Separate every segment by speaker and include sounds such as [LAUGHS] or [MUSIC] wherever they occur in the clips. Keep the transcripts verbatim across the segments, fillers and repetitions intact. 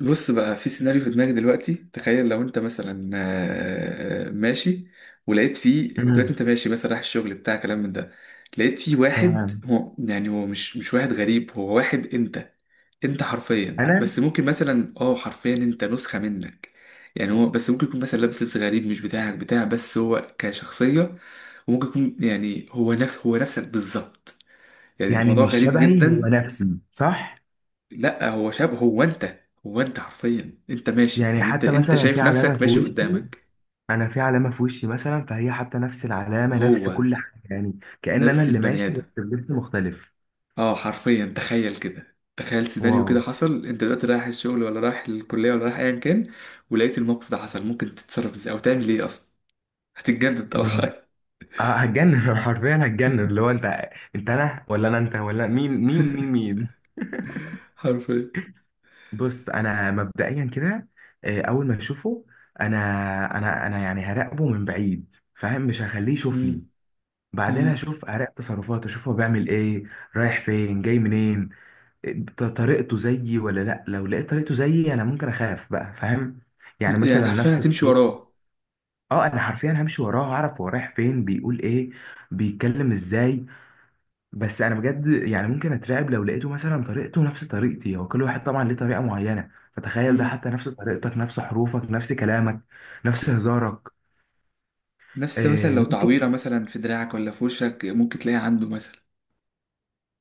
Speaker 1: بص بقى، في سيناريو في دماغي دلوقتي. تخيل لو انت مثلا آه، ماشي. ولقيت فيه دلوقتي
Speaker 2: امم
Speaker 1: انت ماشي مثلا رايح الشغل بتاع كلام من ده. لقيت فيه واحد،
Speaker 2: تمام.
Speaker 1: هو يعني هو مش مش واحد غريب، هو واحد انت انت حرفيا، بس
Speaker 2: انا
Speaker 1: ممكن مثلا، اه حرفيا انت نسخة منك. يعني هو بس ممكن يكون مثلا لابس لبس غريب، مش بتاعك بتاع بس، هو كشخصية. وممكن يكون يعني هو نفس هو نفسك بالظبط. يعني
Speaker 2: يعني
Speaker 1: الموضوع
Speaker 2: مش
Speaker 1: غريب
Speaker 2: شبهي، هو
Speaker 1: جدا.
Speaker 2: نفسي صح؟
Speaker 1: لا، هو شاب، هو انت. هو انت حرفيا، انت ماشي،
Speaker 2: يعني
Speaker 1: يعني انت
Speaker 2: حتى
Speaker 1: انت
Speaker 2: مثلا في
Speaker 1: شايف
Speaker 2: علامه
Speaker 1: نفسك
Speaker 2: في
Speaker 1: ماشي
Speaker 2: وشي،
Speaker 1: قدامك.
Speaker 2: انا في علامه في وشي مثلا، فهي حتى نفس العلامه، نفس
Speaker 1: هو
Speaker 2: كل حاجه، يعني كأن انا
Speaker 1: نفس
Speaker 2: اللي
Speaker 1: البني
Speaker 2: ماشي
Speaker 1: ادم.
Speaker 2: بس بلبس مختلف.
Speaker 1: اه حرفيا، تخيل كده تخيل سيناريو
Speaker 2: واو!
Speaker 1: كده حصل. انت دلوقتي رايح الشغل ولا رايح الكلية ولا رايح ايا كان، ولقيت الموقف ده حصل. ممكن تتصرف ازاي او تعمل ايه اصلا؟ هتتجنن
Speaker 2: إيه.
Speaker 1: طبعا.
Speaker 2: اه هتجنن [LAUGHS] حرفيا هتجنن، اللي هو انت انت انا ولا انا انت؟ ولا مين مين مين مين؟
Speaker 1: [LAUGHS] حرفيا.
Speaker 2: بص انا مبدئيا كده، آه، اول ما اشوفه انا انا انا يعني هراقبه من بعيد فاهم، مش هخليه يشوفني.
Speaker 1: مم.
Speaker 2: بعدين
Speaker 1: مم.
Speaker 2: اشوف، اراقب تصرفاته، اشوف هو بيعمل ايه، رايح فين، جاي منين. ط- طريقته زيي ولا لا؟ لو لقيت طريقته زيي انا ممكن اخاف بقى فاهم. يعني مثلا
Speaker 1: يعني حرفيا
Speaker 2: نفس
Speaker 1: هتمشي
Speaker 2: الصوت.
Speaker 1: وراه.
Speaker 2: اه انا حرفيا همشي وراه، هعرف هو رايح فين، بيقول ايه، بيتكلم ازاي. بس انا بجد يعني ممكن اترعب لو لقيته مثلا طريقته نفس طريقتي. هو كل واحد طبعا ليه طريقة معينة، فتخيل ده
Speaker 1: مم.
Speaker 2: حتى نفس طريقتك، نفس حروفك، نفس كلامك، نفس هزارك.
Speaker 1: نفس مثلا
Speaker 2: آه،
Speaker 1: لو
Speaker 2: ممكن.
Speaker 1: تعويرة مثلا في دراعك ولا في وشك، ممكن تلاقيها عنده مثلا.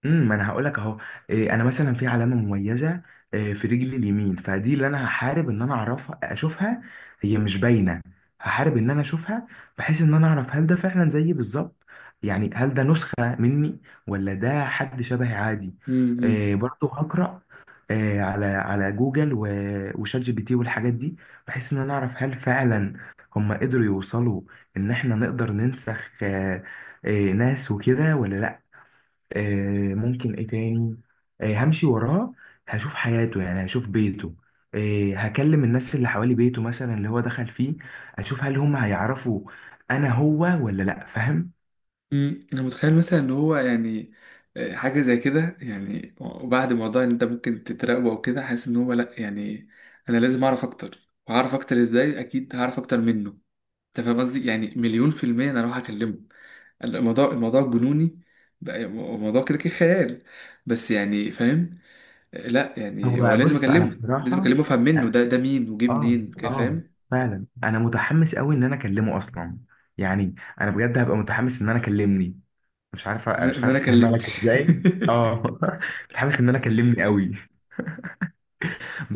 Speaker 2: امم ما انا هقول لك اهو. إيه، انا مثلا في علامه مميزه، إيه، في رجلي اليمين، فدي اللي انا هحارب ان انا اعرفها اشوفها. هي مش باينه، هحارب ان انا اشوفها، بحيث ان انا اعرف هل ده فعلا زيي بالظبط. يعني هل ده نسخه مني، ولا ده حد شبهي عادي.
Speaker 1: مم.
Speaker 2: إيه، برضه هقرا، إيه، على على جوجل و- وشات جي بي تي والحاجات دي، بحيث ان انا اعرف هل فعلا هم قدروا يوصلوا ان احنا نقدر ننسخ آه، إيه، ناس وكده ولا لا. آه، ممكن ايه تاني؟ آه، همشي وراه، هشوف حياته، يعني هشوف بيته، آه، هكلم الناس اللي حوالي بيته مثلا، اللي هو دخل فيه، اشوف هل هم هيعرفوا انا هو ولا لا، فاهم.
Speaker 1: امم انا متخيل مثلا ان هو يعني، آه، حاجه زي كده. يعني وبعد موضوع ان انت ممكن تتراقبه او كده، حاسس ان هو لا، يعني انا لازم اعرف اكتر. وهعرف اكتر ازاي؟ اكيد هعرف اكتر منه. انت فاهم قصدي؟ يعني مليون في الميه انا اروح اكلمه. الموضوع الموضوع جنوني، بقى موضوع كده كده خيال. بس يعني فاهم، آه، لا يعني هو
Speaker 2: هو
Speaker 1: لازم
Speaker 2: بص انا
Speaker 1: اكلمه. لازم
Speaker 2: بصراحة،
Speaker 1: اكلمه افهم منه ده ده مين، وجه
Speaker 2: اه
Speaker 1: منين كده،
Speaker 2: اه
Speaker 1: فاهم.
Speaker 2: فعلا انا متحمس قوي ان انا اكلمه اصلا، يعني انا بجد هبقى متحمس ان انا اكلمني. مش عارف
Speaker 1: ان
Speaker 2: مش
Speaker 1: إن
Speaker 2: عارف
Speaker 1: انا
Speaker 2: افهمها
Speaker 1: كلمني.
Speaker 2: لك ازاي، اه.
Speaker 1: [LAUGHS]
Speaker 2: [LAUGHS] متحمس ان انا اكلمني قوي.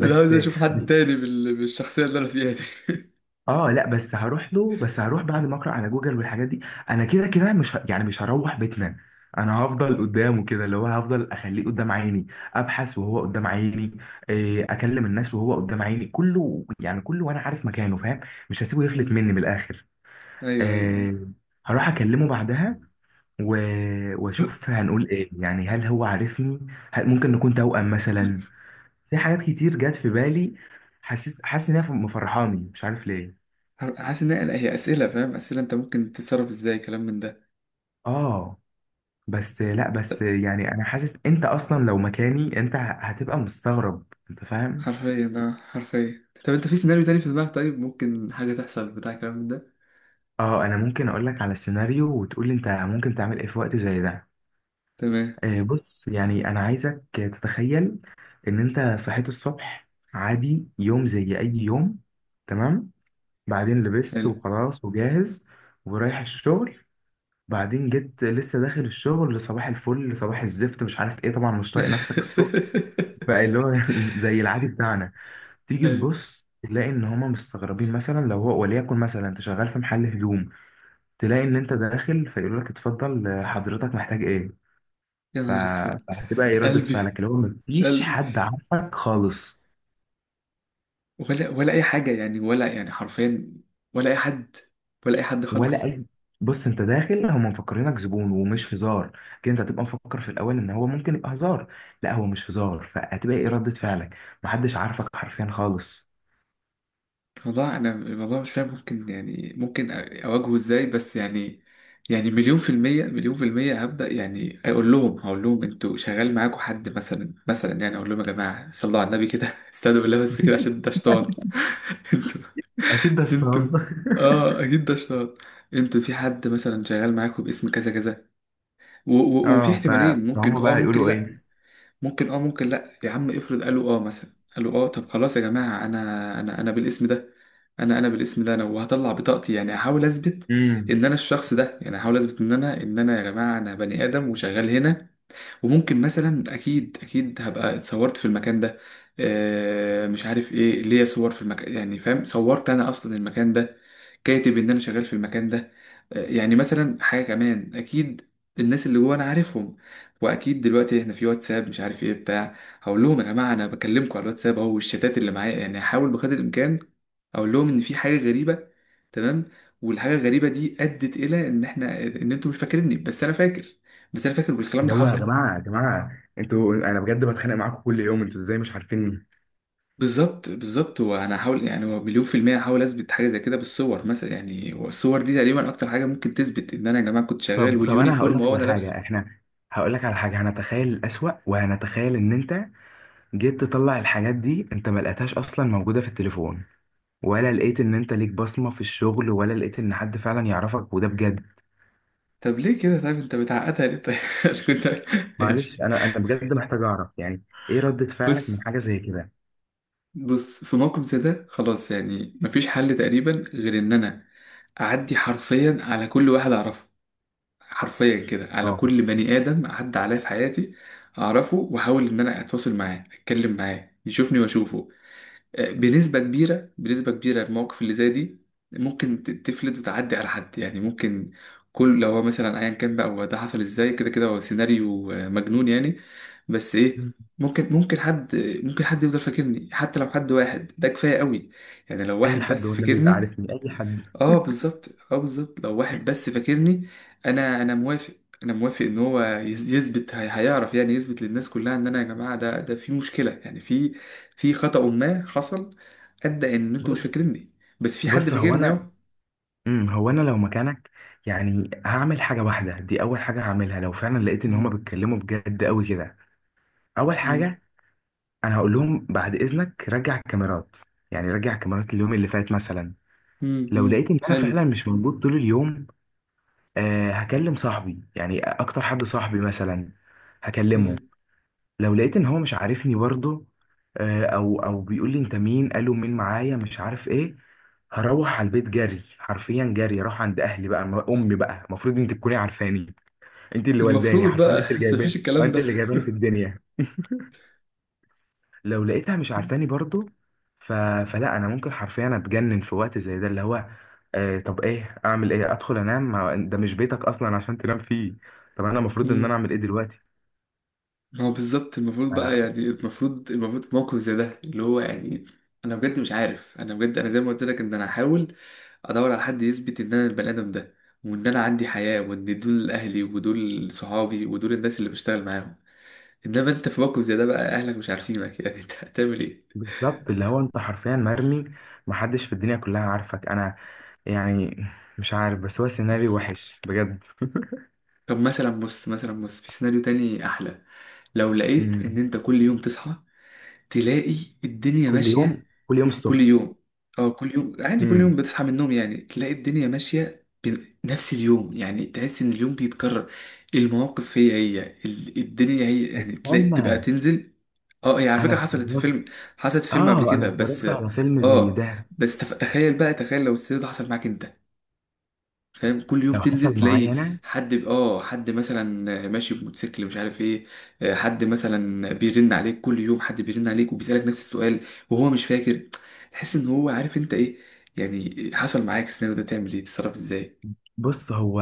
Speaker 1: انا عاوز اشوف حد تاني بال- بالشخصيه اللي انا فيها دي.
Speaker 2: اه، لا بس هروح له، بس هروح بعد ما اقرا على جوجل والحاجات دي. انا كده كده مش ه... يعني مش هروح بيتنا، انا هفضل قدامه كده، اللي هو هفضل اخليه قدام عيني، ابحث وهو قدام عيني، إيه اكلم الناس وهو قدام عيني، كله يعني كله، وانا عارف مكانه فاهم. مش هسيبه يفلت
Speaker 1: مم.
Speaker 2: مني من الاخر.
Speaker 1: ايوه ايوه ايوه.
Speaker 2: إيه، هروح اكلمه بعدها و... واشوف هنقول ايه، يعني هل هو عارفني، هل ممكن نكون توأم مثلا. في حاجات كتير جت في بالي، حسيت حاسس انها مفرحاني مش عارف ليه.
Speaker 1: حاسس ان هي هي اسئله، فاهم، اسئله انت ممكن تتصرف ازاي، كلام من ده.
Speaker 2: اه بس لا، بس يعني انا حاسس انت اصلا لو مكاني انت هتبقى مستغرب، انت فاهم.
Speaker 1: حرفيا اه حرفيا طب انت في سيناريو تاني في دماغك؟ طيب ممكن حاجه تحصل بتاع كلام من ده.
Speaker 2: اه انا ممكن اقول لك على سيناريو وتقول لي انت ممكن تعمل ايه في وقت زي ده.
Speaker 1: تمام.
Speaker 2: آه، بص يعني انا عايزك تتخيل ان انت صحيت الصبح، عادي يوم زي اي يوم، تمام، بعدين لبست
Speaker 1: حلو.
Speaker 2: وخلاص وجاهز ورايح الشغل. بعدين جيت لسه داخل الشغل، صباح الفل، صباح الزفت مش عارف ايه، طبعا مش طايق نفسك
Speaker 1: [LAUGHS]
Speaker 2: الصبح، بقى اللي هو [LAUGHS] زي العادي بتاعنا. تيجي
Speaker 1: ايوه.
Speaker 2: تبص تلاقي ان هما مستغربين، مثلا لو هو وليكن مثلا انت شغال في محل هدوم، تلاقي ان انت داخل فيقول لك اتفضل، آه، حضرتك محتاج ايه.
Speaker 1: يا
Speaker 2: ف-
Speaker 1: نهار اسود.
Speaker 2: فهتبقى ايه ردة
Speaker 1: قلبي.
Speaker 2: فعلك، اللي هو مفيش
Speaker 1: قلبي.
Speaker 2: حد عارفك خالص
Speaker 1: ولا ولا اي حاجه، يعني ولا، يعني حرفيا، ولا اي حد، ولا اي حد
Speaker 2: ولا
Speaker 1: خالص.
Speaker 2: اي. بص انت داخل هما مفكرينك زبون ومش هزار، كده انت هتبقى مفكر في الاول ان هو ممكن يبقى هزار، لا هو مش هزار، فهتبقى ايه ردة فعلك؟ محدش عارفك حرفيا خالص.
Speaker 1: الموضوع، انا الموضوع مش فاهم ممكن، يعني ممكن اواجهه ازاي، بس يعني، يعني مليون في المية، مليون في المية هبدأ، يعني اقول لهم هقول لهم انتوا شغال معاكم حد مثلا، مثلا يعني اقول لهم يا جماعة صلوا على النبي كده. [LAUGHS] استهدوا بالله بس كده عشان ده شيطان. [LAUGHS] انتوا.
Speaker 2: اكيد بس [LAUGHS]
Speaker 1: انتوا. اه اكيد ده شيطان. انتوا في حد مثلا شغال معاكم باسم كذا كذا، و- و- وفي
Speaker 2: اه ف-
Speaker 1: احتمالين، ممكن
Speaker 2: فهم
Speaker 1: اه،
Speaker 2: بقى
Speaker 1: ممكن
Speaker 2: هيقولوا
Speaker 1: لا. ممكن اه، ممكن لا. يا عم افرض قالوا اه، مثلا قالوا اه، طب خلاص يا جماعة، انا انا انا بالاسم ده. انا انا بالاسم ده. انا وهطلع بطاقتي، يعني احاول اثبت
Speaker 2: ايه،
Speaker 1: ان انا الشخص ده. يعني احاول اثبت ان انا ان انا يا جماعة انا بني ادم وشغال هنا. وممكن مثلا، اكيد اكيد هبقى اتصورت في المكان ده. آه مش عارف ايه، ليا صور في المكان، يعني فاهم، صورت انا اصلا المكان ده، كاتب ان انا شغال في المكان ده. آه، يعني مثلا حاجه كمان اكيد، الناس اللي جوه انا عارفهم. واكيد دلوقتي احنا في واتساب مش عارف ايه بتاع، هقول لهم يا جماعه انا بكلمكم على الواتساب او الشتات اللي معايا. يعني هحاول بقدر الامكان اقول لهم ان في حاجه غريبه. تمام. والحاجه الغريبه دي ادت الى ان احنا ان انتوا مش فاكريني، بس انا فاكر. بس انا فاكر والكلام
Speaker 2: اللي
Speaker 1: ده
Speaker 2: هو يا
Speaker 1: حصل.
Speaker 2: جماعه يا جماعه انتوا انا بجد بتخانق معاكم كل يوم، انتوا ازاي مش عارفيني.
Speaker 1: بالظبط بالظبط. وانا هحاول، يعني هو مليون في المية، هحاول اثبت حاجة زي كده بالصور مثلا. يعني والصور دي تقريبا اكتر حاجة ممكن تثبت ان انا يا جماعة كنت شغال،
Speaker 2: طب طب انا هقول
Speaker 1: واليونيفورم
Speaker 2: لك
Speaker 1: هو
Speaker 2: على
Speaker 1: انا لابسه.
Speaker 2: حاجه، احنا هقول لك على حاجه، هنتخيل الاسوأ، وهنتخيل ان انت جيت تطلع الحاجات دي انت ما لقيتهاش اصلا موجوده في التليفون، ولا لقيت ان انت ليك بصمه في الشغل، ولا لقيت ان حد فعلا يعرفك وده بجد.
Speaker 1: طب ليه كده طيب؟ انت بتعقدها ليه طيب؟ [LAUGHS] كنت-
Speaker 2: معلش
Speaker 1: ماشي.
Speaker 2: انا انا بجد محتاج اعرف يعني ايه ردة فعلك
Speaker 1: بص
Speaker 2: من حاجه زي كده.
Speaker 1: بص في موقف زي ده، خلاص، يعني مفيش حل تقريبا غير ان انا اعدي حرفيا على كل واحد اعرفه. حرفيا كده، على
Speaker 2: اه،
Speaker 1: كل بني ادم عدى عليا في حياتي، اعرفه، واحاول ان انا اتواصل معاه، اتكلم معاه، يشوفني واشوفه. بنسبة كبيرة بنسبة كبيرة، المواقف اللي زي دي ممكن ت- تفلت وتعدي على حد، يعني ممكن. كل لو هو مثلا ايا كان بقى، هو ده حصل ازاي، كده كده هو سيناريو آه، مجنون يعني. بس ايه، ممكن ممكن حد، ممكن حد يفضل فاكرني. حتى لو حد واحد ده كفاية قوي. يعني لو
Speaker 2: اي
Speaker 1: واحد
Speaker 2: حد
Speaker 1: بس
Speaker 2: والنبي يبقى
Speaker 1: فاكرني.
Speaker 2: عارفني، اي حد.
Speaker 1: اه بالظبط، اه بالظبط، لو واحد بس فاكرني. انا انا موافق. انا موافق ان هو يز- يثبت، هي- هيعرف، يعني يثبت للناس كلها ان انا، يا جماعه، ده ده في مشكله، يعني في في خطأ ما حصل، ادى ان انتوا مش
Speaker 2: بص
Speaker 1: فاكريني. بس في حد
Speaker 2: بص، هو
Speaker 1: فاكرني اهو.
Speaker 2: انا، امم هو انا لو مكانك يعني هعمل حاجه واحده، دي اول حاجه هعملها لو فعلا لقيت ان هما
Speaker 1: مم.
Speaker 2: بيتكلموا بجد قوي كده. اول
Speaker 1: مم.
Speaker 2: حاجه، انا هقول لهم بعد اذنك رجع الكاميرات، يعني رجع الكاميرات اليوم اللي فات مثلا.
Speaker 1: مم.
Speaker 2: لو
Speaker 1: مم.
Speaker 2: لقيت ان انا
Speaker 1: حلو.
Speaker 2: فعلا مش موجود طول اليوم، آه هكلم صاحبي، يعني اكتر حد صاحبي مثلا هكلمه.
Speaker 1: مم.
Speaker 2: لو لقيت ان هو مش عارفني برضه، آه، او او بيقول لي انت مين، قالوا مين معايا، مش عارف ايه، هروح على البيت جري، حرفيا جري، اروح عند اهلي بقى، م- امي بقى المفروض انت تكوني عارفاني، انت اللي والداني،
Speaker 1: المفروض
Speaker 2: حرفيا
Speaker 1: بقى.
Speaker 2: انت
Speaker 1: [LAUGHS]
Speaker 2: اللي
Speaker 1: بس مفيش
Speaker 2: جايباني،
Speaker 1: الكلام
Speaker 2: انت
Speaker 1: ده.
Speaker 2: اللي جايباني في الدنيا. لو لقيتها مش عارفاني برضه ف... فلا انا ممكن حرفيا اتجنن في وقت زي ده، اللي هو آه طب ايه، اعمل ايه، ادخل انام، ما- ده مش بيتك اصلا عشان تنام فيه. طب انا المفروض ان انا
Speaker 1: مم.
Speaker 2: اعمل ايه دلوقتي؟
Speaker 1: ما هو بالظبط المفروض بقى، يعني المفروض المفروض في موقف زي ده، اللي هو يعني، انا بجد مش عارف. انا بجد، انا زي ما قلت لك ان انا هحاول ادور على حد يثبت ان انا البني ادم ده، وان انا عندي حياه، وان دول اهلي، ودول صحابي، ودول الناس اللي بشتغل معاهم. انما انت في موقف زي ده بقى اهلك مش عارفينك. [LAUGHS] يعني انت هتعمل ايه؟
Speaker 2: بالظبط، اللي هو انت حرفيا مرمي، محدش في الدنيا كلها عارفك. انا يعني مش عارف، بس هو سيناريو وحش بجد [LAUGHS]
Speaker 1: طب مثلا بص، مثلا بص في سيناريو تاني احلى. لو لقيت ان
Speaker 2: أمم.
Speaker 1: انت كل يوم تصحى، تلاقي الدنيا
Speaker 2: كل يوم،
Speaker 1: ماشيه.
Speaker 2: كل يوم
Speaker 1: كل
Speaker 2: الصبح.
Speaker 1: يوم. اه كل يوم عادي، كل يوم
Speaker 2: امم.
Speaker 1: بتصحى من النوم يعني تلاقي الدنيا ماشيه بنفس اليوم. يعني تحس ان اليوم بيتكرر، المواقف هي هي، ال- الدنيا هي، يعني تلاقي تبقى
Speaker 2: استنى،
Speaker 1: تنزل. اه هي على
Speaker 2: انا
Speaker 1: فكرة حصلت في
Speaker 2: اتفرجت.
Speaker 1: فيلم، حصلت في فيلم قبل
Speaker 2: اه انا
Speaker 1: كده، بس.
Speaker 2: اتفرجت على فيلم زي
Speaker 1: اه،
Speaker 2: ده.
Speaker 1: بس تف... تخيل بقى، تخيل لو السيناريو ده حصل معاك انت، فاهم؟ كل يوم
Speaker 2: لو
Speaker 1: تنزل
Speaker 2: حصل
Speaker 1: تلاقي
Speaker 2: معايا انا،
Speaker 1: حد ب- اه حد مثلا ماشي بموتوسيكل مش عارف ايه. آه، حد مثلا بيرن عليك كل يوم، حد بيرن عليك وبيسألك نفس السؤال وهو مش فاكر. تحس ان هو عارف انت ايه. يعني حصل معاك السيناريو ده، تعمل ايه، تتصرف ازاي؟
Speaker 2: بص هو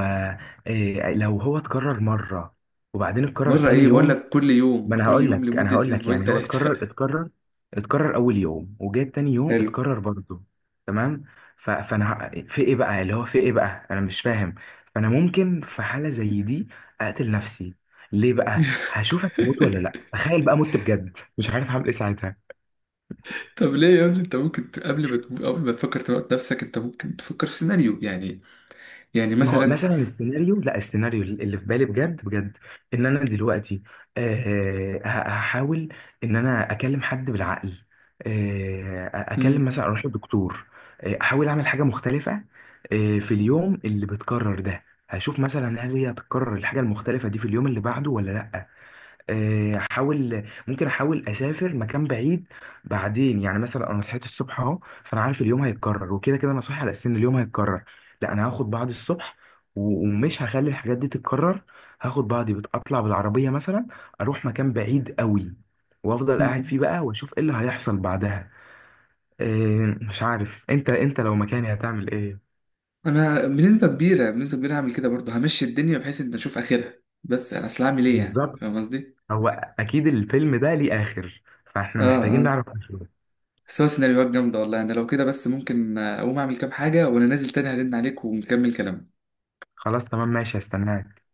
Speaker 2: إيه لو هو اتكرر مره وبعدين اتكرر
Speaker 1: مرة
Speaker 2: تاني
Speaker 1: ايه؟ بقول
Speaker 2: يوم،
Speaker 1: لك كل يوم،
Speaker 2: ما انا
Speaker 1: كل
Speaker 2: هقول
Speaker 1: يوم
Speaker 2: لك، انا
Speaker 1: لمدة
Speaker 2: هقول لك،
Speaker 1: اسبوعين،
Speaker 2: يعني هو
Speaker 1: ثلاثة.
Speaker 2: اتكرر اتكرر، اتكرر اول يوم وجاء تاني
Speaker 1: [LAUGHS]
Speaker 2: يوم
Speaker 1: حلو.
Speaker 2: اتكرر برضه، تمام. ف- فانا ه- في ايه بقى، اللي هو في ايه بقى، انا مش فاهم. فانا ممكن في حالة زي دي اقتل نفسي، ليه بقى؟ هشوفك موت ولا لا؟
Speaker 1: [LAUGHS]
Speaker 2: تخيل بقى مت بجد، مش عارف هعمل ايه ساعتها.
Speaker 1: طب ليه يا ابني، انت ممكن ت- قبل ما تموت، قبل ما تفكر تموت نفسك، انت ممكن تفكر في سيناريو، يعني، يعني
Speaker 2: ما هو
Speaker 1: مثلا.
Speaker 2: مثلا السيناريو، لا، السيناريو اللي في بالي بجد بجد، ان انا دلوقتي آه، ه- هحاول ان انا اكلم حد بالعقل، آه، اكلم
Speaker 1: مم.
Speaker 2: مثلا، اروح لدكتور، آه، احاول اعمل حاجه مختلفه، آه، في اليوم اللي بتكرر ده، هشوف مثلا هل هي هتتكرر الحاجه المختلفه دي في اليوم اللي بعده ولا لا. آه، احاول، ممكن احاول اسافر مكان بعيد. بعدين يعني مثلا انا صحيت الصبح اهو، فانا عارف اليوم هيتكرر، وكده كده انا صاحي على اساس ان اليوم هيتكرر، لا انا هاخد بعض الصبح و- ومش هخلي الحاجات دي تتكرر. هاخد بعضي، بطلع بالعربيه مثلا، اروح مكان بعيد قوي، وافضل قاعد
Speaker 1: مم.
Speaker 2: فيه بقى واشوف ايه اللي هيحصل بعدها. آه، مش عارف انت، انت لو مكاني هتعمل ايه؟
Speaker 1: انا بنسبه كبيره، بنسبه كبيره هعمل كده برضه، همشي الدنيا بحيث ان اشوف اخرها. بس انا اصل هعمل ايه يعني،
Speaker 2: بالظبط.
Speaker 1: فاهم قصدي.
Speaker 2: هو اكيد الفيلم ده ليه اخر، فاحنا
Speaker 1: اه
Speaker 2: محتاجين
Speaker 1: اه.
Speaker 2: نعرف آخره.
Speaker 1: بس هو سيناريوهات جامده والله. انا لو كده بس ممكن اقوم اعمل كام حاجه، وانا نازل تاني هرن عليك ونكمل كلامنا.
Speaker 2: خلاص تمام ماشي، هستناك.